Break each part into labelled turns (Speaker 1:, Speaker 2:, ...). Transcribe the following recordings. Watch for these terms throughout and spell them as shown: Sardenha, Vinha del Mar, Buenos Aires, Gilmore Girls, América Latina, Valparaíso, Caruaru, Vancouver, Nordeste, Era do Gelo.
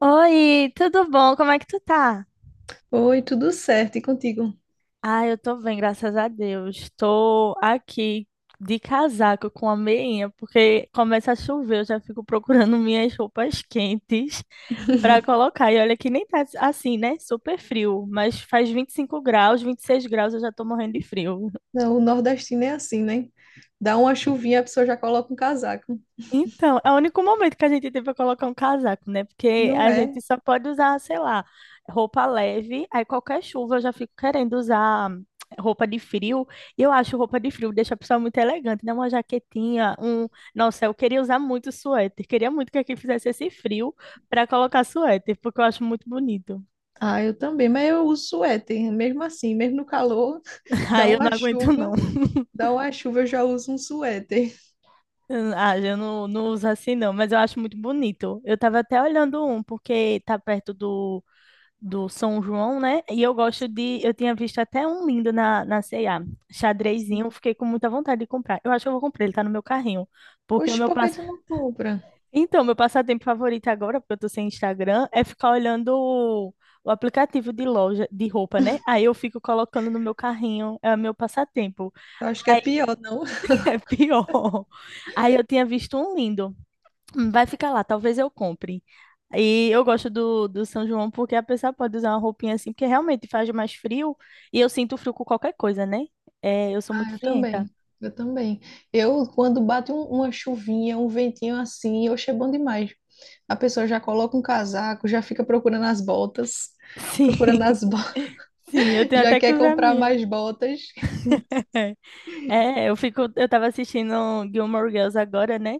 Speaker 1: Oi, tudo bom? Como é que tu tá?
Speaker 2: Oi, tudo certo, e contigo?
Speaker 1: Ah, eu tô bem, graças a Deus. Tô aqui de casaco com a meinha, porque começa a chover, eu já fico procurando minhas roupas quentes pra colocar. E olha que nem tá assim, né? Super frio, mas faz 25 graus, 26 graus, eu já tô morrendo de frio.
Speaker 2: Não, o nordestino é assim, né? Dá uma chuvinha, a pessoa já coloca um casaco.
Speaker 1: Então, é o único momento que a gente tem para colocar um casaco, né? Porque
Speaker 2: Não
Speaker 1: a gente
Speaker 2: é?
Speaker 1: só pode usar, sei lá, roupa leve. Aí qualquer chuva eu já fico querendo usar roupa de frio. E eu acho roupa de frio deixa a pessoa muito elegante, né? Uma jaquetinha, um. Nossa, eu queria usar muito suéter. Queria muito que aqui fizesse esse frio para colocar suéter, porque eu acho muito bonito.
Speaker 2: Ah, eu também, mas eu uso suéter, mesmo assim, mesmo no calor, dá
Speaker 1: Aí eu não
Speaker 2: uma
Speaker 1: aguento,
Speaker 2: chuva,
Speaker 1: não.
Speaker 2: dá uma chuva, eu já uso um suéter.
Speaker 1: Ah, eu não uso assim, não, mas eu acho muito bonito. Eu tava até olhando um, porque tá perto do São João, né? E eu gosto de. Eu tinha visto até um lindo na C&A, xadrezinho. Fiquei com muita vontade de comprar. Eu acho que eu vou comprar, ele tá no meu carrinho. Porque o
Speaker 2: Oxe,
Speaker 1: meu
Speaker 2: por que
Speaker 1: passa...
Speaker 2: tu não compra?
Speaker 1: Então, meu passatempo favorito agora, porque eu tô sem Instagram, é ficar olhando o aplicativo de loja de roupa, né? Aí eu fico colocando no meu carrinho, é o meu passatempo.
Speaker 2: Eu acho que é
Speaker 1: Aí
Speaker 2: pior, não?
Speaker 1: é pior. Aí eu tinha visto um lindo. Vai ficar lá, talvez eu compre. E eu gosto do, do São João porque a pessoa pode usar uma roupinha assim, porque realmente faz mais frio e eu sinto frio com qualquer coisa, né? É, eu sou
Speaker 2: Ah,
Speaker 1: muito
Speaker 2: eu
Speaker 1: frienta.
Speaker 2: também. Eu também. Eu, quando bate uma chuvinha, um ventinho assim, oxe, é bom demais. A pessoa já coloca um casaco, já fica procurando as botas, procurando
Speaker 1: Sim,
Speaker 2: as
Speaker 1: sim, eu tenho
Speaker 2: já
Speaker 1: até que
Speaker 2: quer
Speaker 1: usar a
Speaker 2: comprar
Speaker 1: minha.
Speaker 2: mais botas.
Speaker 1: É, eu fico, eu tava assistindo Gilmore Girls agora, né?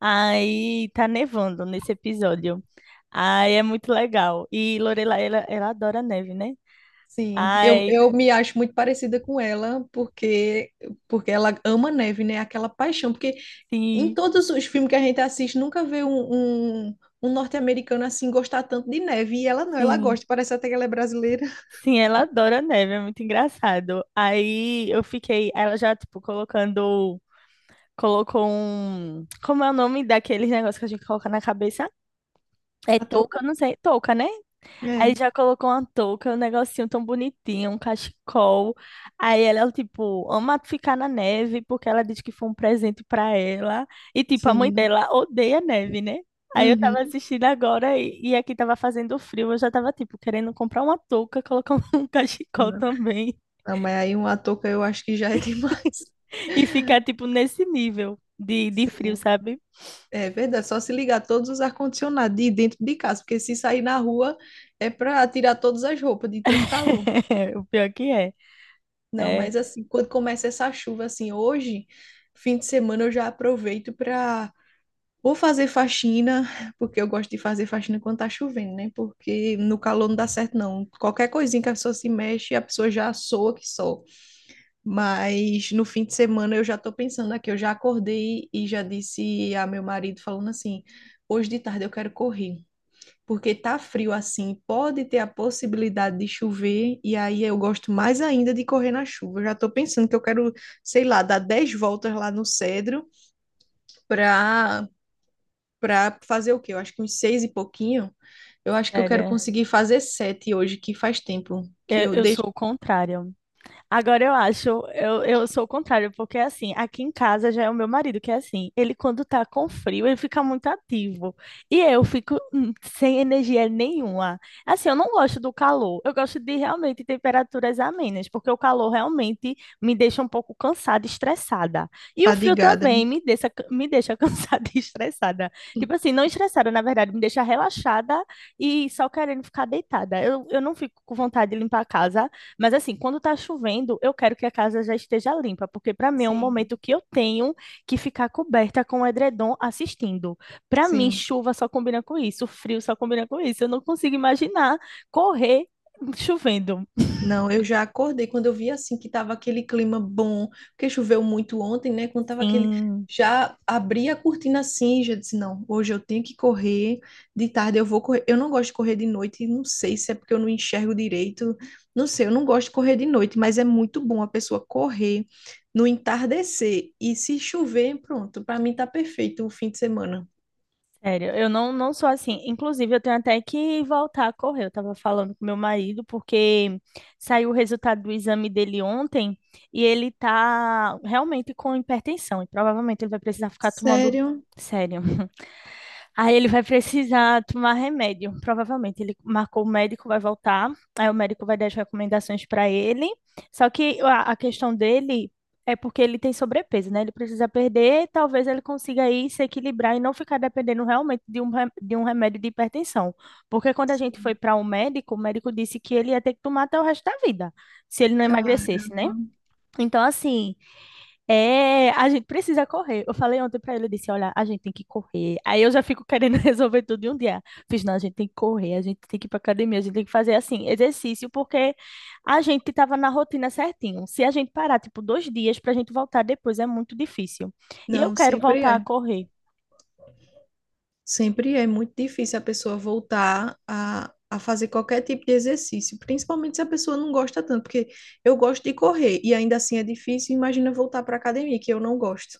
Speaker 1: Aí tá nevando nesse episódio. Aí é muito legal. E Lorelai, ela adora neve, né?
Speaker 2: Sim, eu,
Speaker 1: Ai,
Speaker 2: eu me acho muito parecida com ela, porque ela ama neve, né? Aquela paixão. Porque em
Speaker 1: sim,
Speaker 2: todos os filmes que a gente assiste, nunca vê um norte-americano assim gostar tanto de neve. E ela não, ela
Speaker 1: sim.
Speaker 2: gosta. Parece até que ela é brasileira.
Speaker 1: Sim, ela adora neve, é muito engraçado. Aí eu fiquei, ela já, tipo, colocando, colocou um, como é o nome daqueles negócios que a gente coloca na cabeça? É
Speaker 2: A touca?
Speaker 1: touca, não sei, touca, né? Aí
Speaker 2: É,
Speaker 1: já colocou uma touca, um negocinho tão bonitinho, um cachecol. Aí ela, tipo, ama ficar na neve, porque ela diz que foi um presente pra ela. E, tipo, a mãe
Speaker 2: sim.
Speaker 1: dela odeia neve, né? Aí eu tava
Speaker 2: Uhum.
Speaker 1: assistindo agora e aqui tava fazendo frio. Eu já tava, tipo, querendo comprar uma touca, colocar um cachecol também.
Speaker 2: Não, mas aí uma touca eu acho que já é demais.
Speaker 1: E ficar, tipo, nesse nível de frio,
Speaker 2: Sim.
Speaker 1: sabe?
Speaker 2: É verdade, só se ligar todos os ar-condicionados de dentro de casa, porque se sair na rua é para tirar todas as roupas de tanto calor.
Speaker 1: O pior que é.
Speaker 2: Não,
Speaker 1: É,
Speaker 2: mas assim, quando começa essa chuva, assim, hoje, fim de semana, eu já aproveito para ou fazer faxina, porque eu gosto de fazer faxina quando tá chovendo, né? Porque no calor não dá certo, não. Qualquer coisinha que a pessoa se mexe, a pessoa já soa que só. Mas no fim de semana eu já tô pensando aqui, eu já acordei e já disse a meu marido falando assim: hoje de tarde eu quero correr. Porque tá frio assim, pode ter a possibilidade de chover, e aí eu gosto mais ainda de correr na chuva. Eu já tô pensando que eu quero, sei lá, dar 10 voltas lá no Cedro para para fazer o quê? Eu acho que uns seis e pouquinho. Eu acho que eu
Speaker 1: sério.
Speaker 2: quero
Speaker 1: É.
Speaker 2: conseguir fazer sete hoje, que faz tempo que
Speaker 1: Eu,
Speaker 2: eu
Speaker 1: eu
Speaker 2: deixo
Speaker 1: sou o contrário. Agora eu acho, eu sou o contrário, porque assim, aqui em casa já é o meu marido que é assim, ele quando tá com frio, ele fica muito ativo. E eu fico sem energia nenhuma. Assim, eu não gosto do calor, eu gosto de realmente temperaturas amenas, porque o calor realmente me deixa um pouco cansada e estressada. E o frio
Speaker 2: fadigada, né?
Speaker 1: também me deixa cansada e estressada. Tipo assim, não estressada, na verdade, me deixa relaxada e só querendo ficar deitada. Eu não fico com vontade de limpar a casa. Mas assim, quando tá chovendo, eu quero que a casa já esteja limpa, porque para mim é um
Speaker 2: Sim,
Speaker 1: momento que eu tenho que ficar coberta com o edredom assistindo. Para mim,
Speaker 2: sim.
Speaker 1: chuva só combina com isso, frio só combina com isso. Eu não consigo imaginar correr chovendo.
Speaker 2: Não, eu já acordei quando eu vi assim que tava aquele clima bom, porque choveu muito ontem, né? Quando tava aquele.
Speaker 1: Sim,
Speaker 2: Já abri a cortina assim, e já disse, não, hoje eu tenho que correr, de tarde eu vou correr. Eu não gosto de correr de noite, e não sei se é porque eu não enxergo direito, não sei, eu não gosto de correr de noite, mas é muito bom a pessoa correr no entardecer e se chover, pronto, para mim tá perfeito o fim de semana.
Speaker 1: sério, eu não sou assim. Inclusive, eu tenho até que voltar a correr. Eu tava falando com meu marido, porque saiu o resultado do exame dele ontem e ele tá realmente com hipertensão e provavelmente ele vai precisar ficar tomando.
Speaker 2: Sério?
Speaker 1: Sério. Aí ele vai precisar tomar remédio. Provavelmente ele marcou o médico, vai voltar. Aí o médico vai dar as recomendações para ele. Só que a questão dele é porque ele tem sobrepeso, né? Ele precisa perder. Talvez ele consiga aí se equilibrar e não ficar dependendo realmente de um remédio de hipertensão. Porque quando a gente foi
Speaker 2: Sim.
Speaker 1: para o médico disse que ele ia ter que tomar até o resto da vida, se ele não
Speaker 2: Caramba.
Speaker 1: emagrecesse, né? Então, assim. É, a gente precisa correr. Eu falei ontem pra ele, eu disse, olha, a gente tem que correr. Aí eu já fico querendo resolver tudo em um dia. Fiz, não, a gente tem que correr, a gente tem que ir pra academia, a gente tem que fazer assim, exercício, porque a gente tava na rotina certinho. Se a gente parar, tipo, 2 dias pra gente voltar depois, é muito difícil. E eu
Speaker 2: Não,
Speaker 1: quero
Speaker 2: sempre
Speaker 1: voltar a
Speaker 2: é.
Speaker 1: correr.
Speaker 2: Sempre é muito difícil a pessoa voltar a fazer qualquer tipo de exercício, principalmente se a pessoa não gosta tanto, porque eu gosto de correr e ainda assim é difícil. Imagina voltar para a academia, que eu não gosto.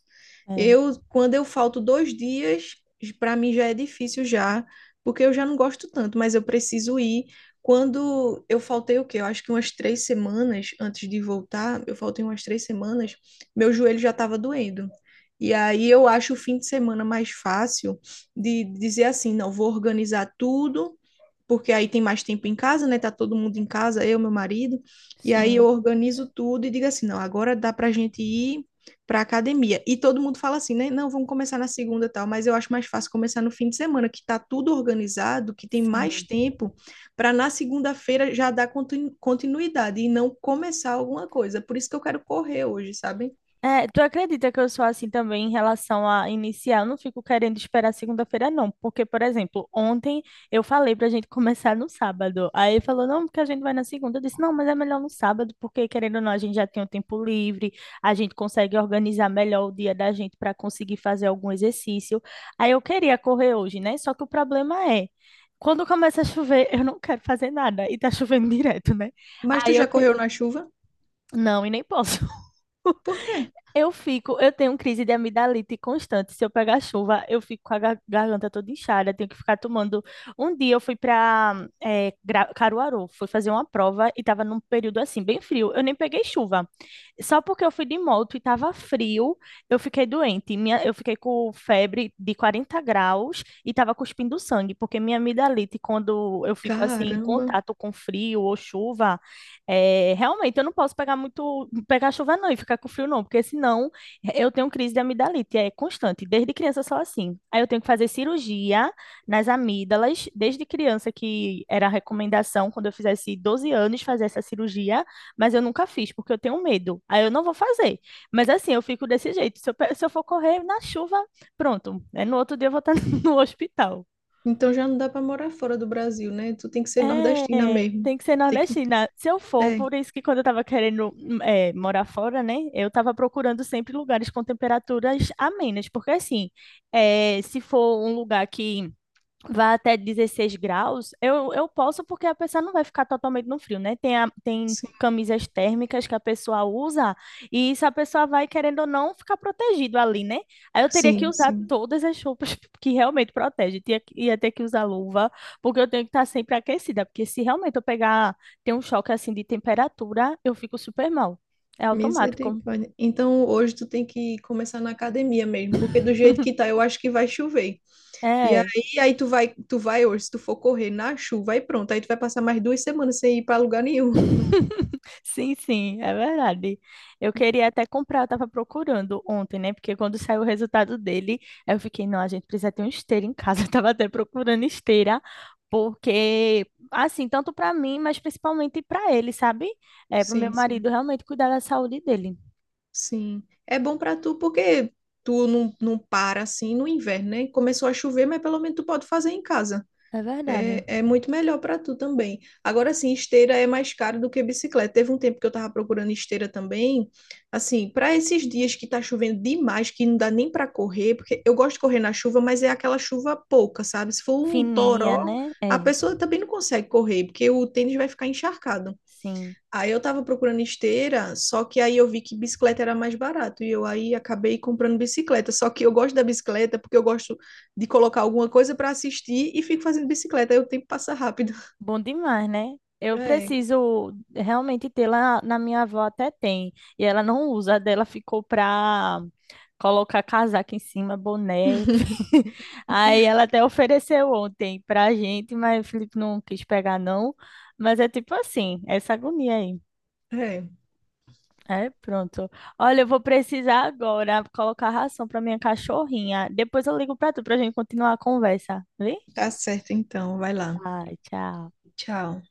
Speaker 1: É,
Speaker 2: Eu, quando eu falto 2 dias, para mim já é difícil já, porque eu já não gosto tanto, mas eu preciso ir. Quando eu faltei o quê? Eu acho que umas 3 semanas antes de voltar, eu faltei umas 3 semanas, meu joelho já estava doendo. E aí eu acho o fim de semana mais fácil de dizer assim, não, vou organizar tudo, porque aí tem mais tempo em casa, né? Tá todo mundo em casa, eu, meu marido, e aí eu
Speaker 1: sim,
Speaker 2: organizo tudo e digo assim, não, agora dá pra gente ir pra academia. E todo mundo fala assim, né? Não, vamos começar na segunda e tal, mas eu acho mais fácil começar no fim de semana, que tá tudo organizado, que tem mais
Speaker 1: sim.
Speaker 2: tempo para na segunda-feira já dar continuidade e não começar alguma coisa. Por isso que eu quero correr hoje, sabe?
Speaker 1: É, tu acredita que eu sou assim também em relação a iniciar? Eu não fico querendo esperar segunda-feira, não. Porque, por exemplo, ontem eu falei pra gente começar no sábado. Aí falou, não, porque a gente vai na segunda. Eu disse, não, mas é melhor no sábado, porque querendo ou não, a gente já tem o tempo livre, a gente consegue organizar melhor o dia da gente para conseguir fazer algum exercício. Aí eu queria correr hoje, né? Só que o problema é, quando começa a chover, eu não quero fazer nada. E tá chovendo direto, né?
Speaker 2: Mas tu
Speaker 1: Aí eu
Speaker 2: já
Speaker 1: queria.
Speaker 2: correu na chuva?
Speaker 1: Não, e nem posso.
Speaker 2: Por quê?
Speaker 1: Eu fico, eu tenho crise de amidalite constante. Se eu pegar chuva, eu fico com a garganta toda inchada, tenho que ficar tomando. Um dia eu fui para Caruaru, fui fazer uma prova e estava num período assim, bem frio. Eu nem peguei chuva. Só porque eu fui de moto e estava frio, eu fiquei doente. Minha, eu fiquei com febre de 40 graus e estava cuspindo sangue, porque minha amidalite, quando eu fico assim em
Speaker 2: Caramba.
Speaker 1: contato com frio ou chuva, é, realmente, eu não posso pegar muito, pegar chuva não e ficar com frio não, porque senão eu tenho crise de amidalite, é constante, desde criança só assim. Aí eu tenho que fazer cirurgia nas amígdalas, desde criança que era a recomendação, quando eu fizesse 12 anos, fazer essa cirurgia, mas eu nunca fiz, porque eu tenho medo. Aí eu não vou fazer. Mas assim, eu fico desse jeito, se eu, se eu for correr na chuva, pronto, é, no outro dia eu vou estar no hospital.
Speaker 2: Então já não dá para morar fora do Brasil, né? Tu tem que ser nordestina
Speaker 1: É,
Speaker 2: mesmo.
Speaker 1: tem que ser
Speaker 2: Tem que...
Speaker 1: nordestina. Se eu for,
Speaker 2: É,
Speaker 1: por isso que quando eu tava querendo morar fora, né? Eu tava procurando sempre lugares com temperaturas amenas, porque assim, é, se for um lugar que vá até 16 graus, eu posso porque a pessoa não vai ficar totalmente no frio, né? Tem, tem
Speaker 2: sim,
Speaker 1: camisas térmicas que a pessoa usa e isso a pessoa vai, querendo ou não, ficar protegido ali, né? Aí eu teria que
Speaker 2: sim,
Speaker 1: usar
Speaker 2: sim.
Speaker 1: todas as roupas que realmente protegem. Tinha, ia ter que usar luva, porque eu tenho que estar sempre aquecida, porque se realmente eu pegar, ter um choque assim de temperatura, eu fico super mal. É automático.
Speaker 2: Misericórdia. Então hoje tu tem que começar na academia mesmo, porque do jeito que tá, eu acho que vai chover. E aí,
Speaker 1: É.
Speaker 2: aí tu vai hoje, se tu for correr na chuva, aí pronto, aí tu vai passar mais 2 semanas sem ir para lugar nenhum.
Speaker 1: Sim, sim, é verdade. Eu queria até comprar, eu tava procurando ontem, né? Porque quando saiu o resultado dele, eu fiquei, não, a gente precisa ter uma esteira em casa. Eu tava até procurando esteira, porque, assim, tanto para mim, mas principalmente para ele, sabe? É, pro meu
Speaker 2: Sim, sim,
Speaker 1: marido realmente cuidar da saúde dele.
Speaker 2: sim. É bom para tu porque tu não, não para assim no inverno, né? Começou a chover, mas pelo menos tu pode fazer em casa.
Speaker 1: É verdade.
Speaker 2: É, é muito melhor para tu também. Agora sim, esteira é mais caro do que bicicleta. Teve um tempo que eu tava procurando esteira também. Assim, para esses dias que tá chovendo demais, que não dá nem para correr, porque eu gosto de correr na chuva, mas é aquela chuva pouca, sabe? Se for um
Speaker 1: Fininha,
Speaker 2: toró,
Speaker 1: né?
Speaker 2: a
Speaker 1: É,
Speaker 2: pessoa também não consegue correr, porque o tênis vai ficar encharcado.
Speaker 1: sim.
Speaker 2: Aí eu tava procurando esteira, só que aí eu vi que bicicleta era mais barato e eu aí acabei comprando bicicleta. Só que eu gosto da bicicleta porque eu gosto de colocar alguma coisa para assistir e fico fazendo bicicleta, aí o tempo passa rápido.
Speaker 1: Bom demais, né? Eu
Speaker 2: É,
Speaker 1: preciso realmente ter lá na minha avó até tem. E ela não usa, a dela ficou pra colocar casaco em cima, boné. Aí ela até ofereceu ontem pra gente, mas o Felipe não quis pegar, não. Mas é tipo assim, essa agonia aí.
Speaker 2: é,
Speaker 1: É, pronto. Olha, eu vou precisar agora colocar ração pra minha cachorrinha. Depois eu ligo pra tu pra gente continuar a conversa, viu?
Speaker 2: tá certo então, vai lá.
Speaker 1: Ai, tchau.
Speaker 2: Tchau.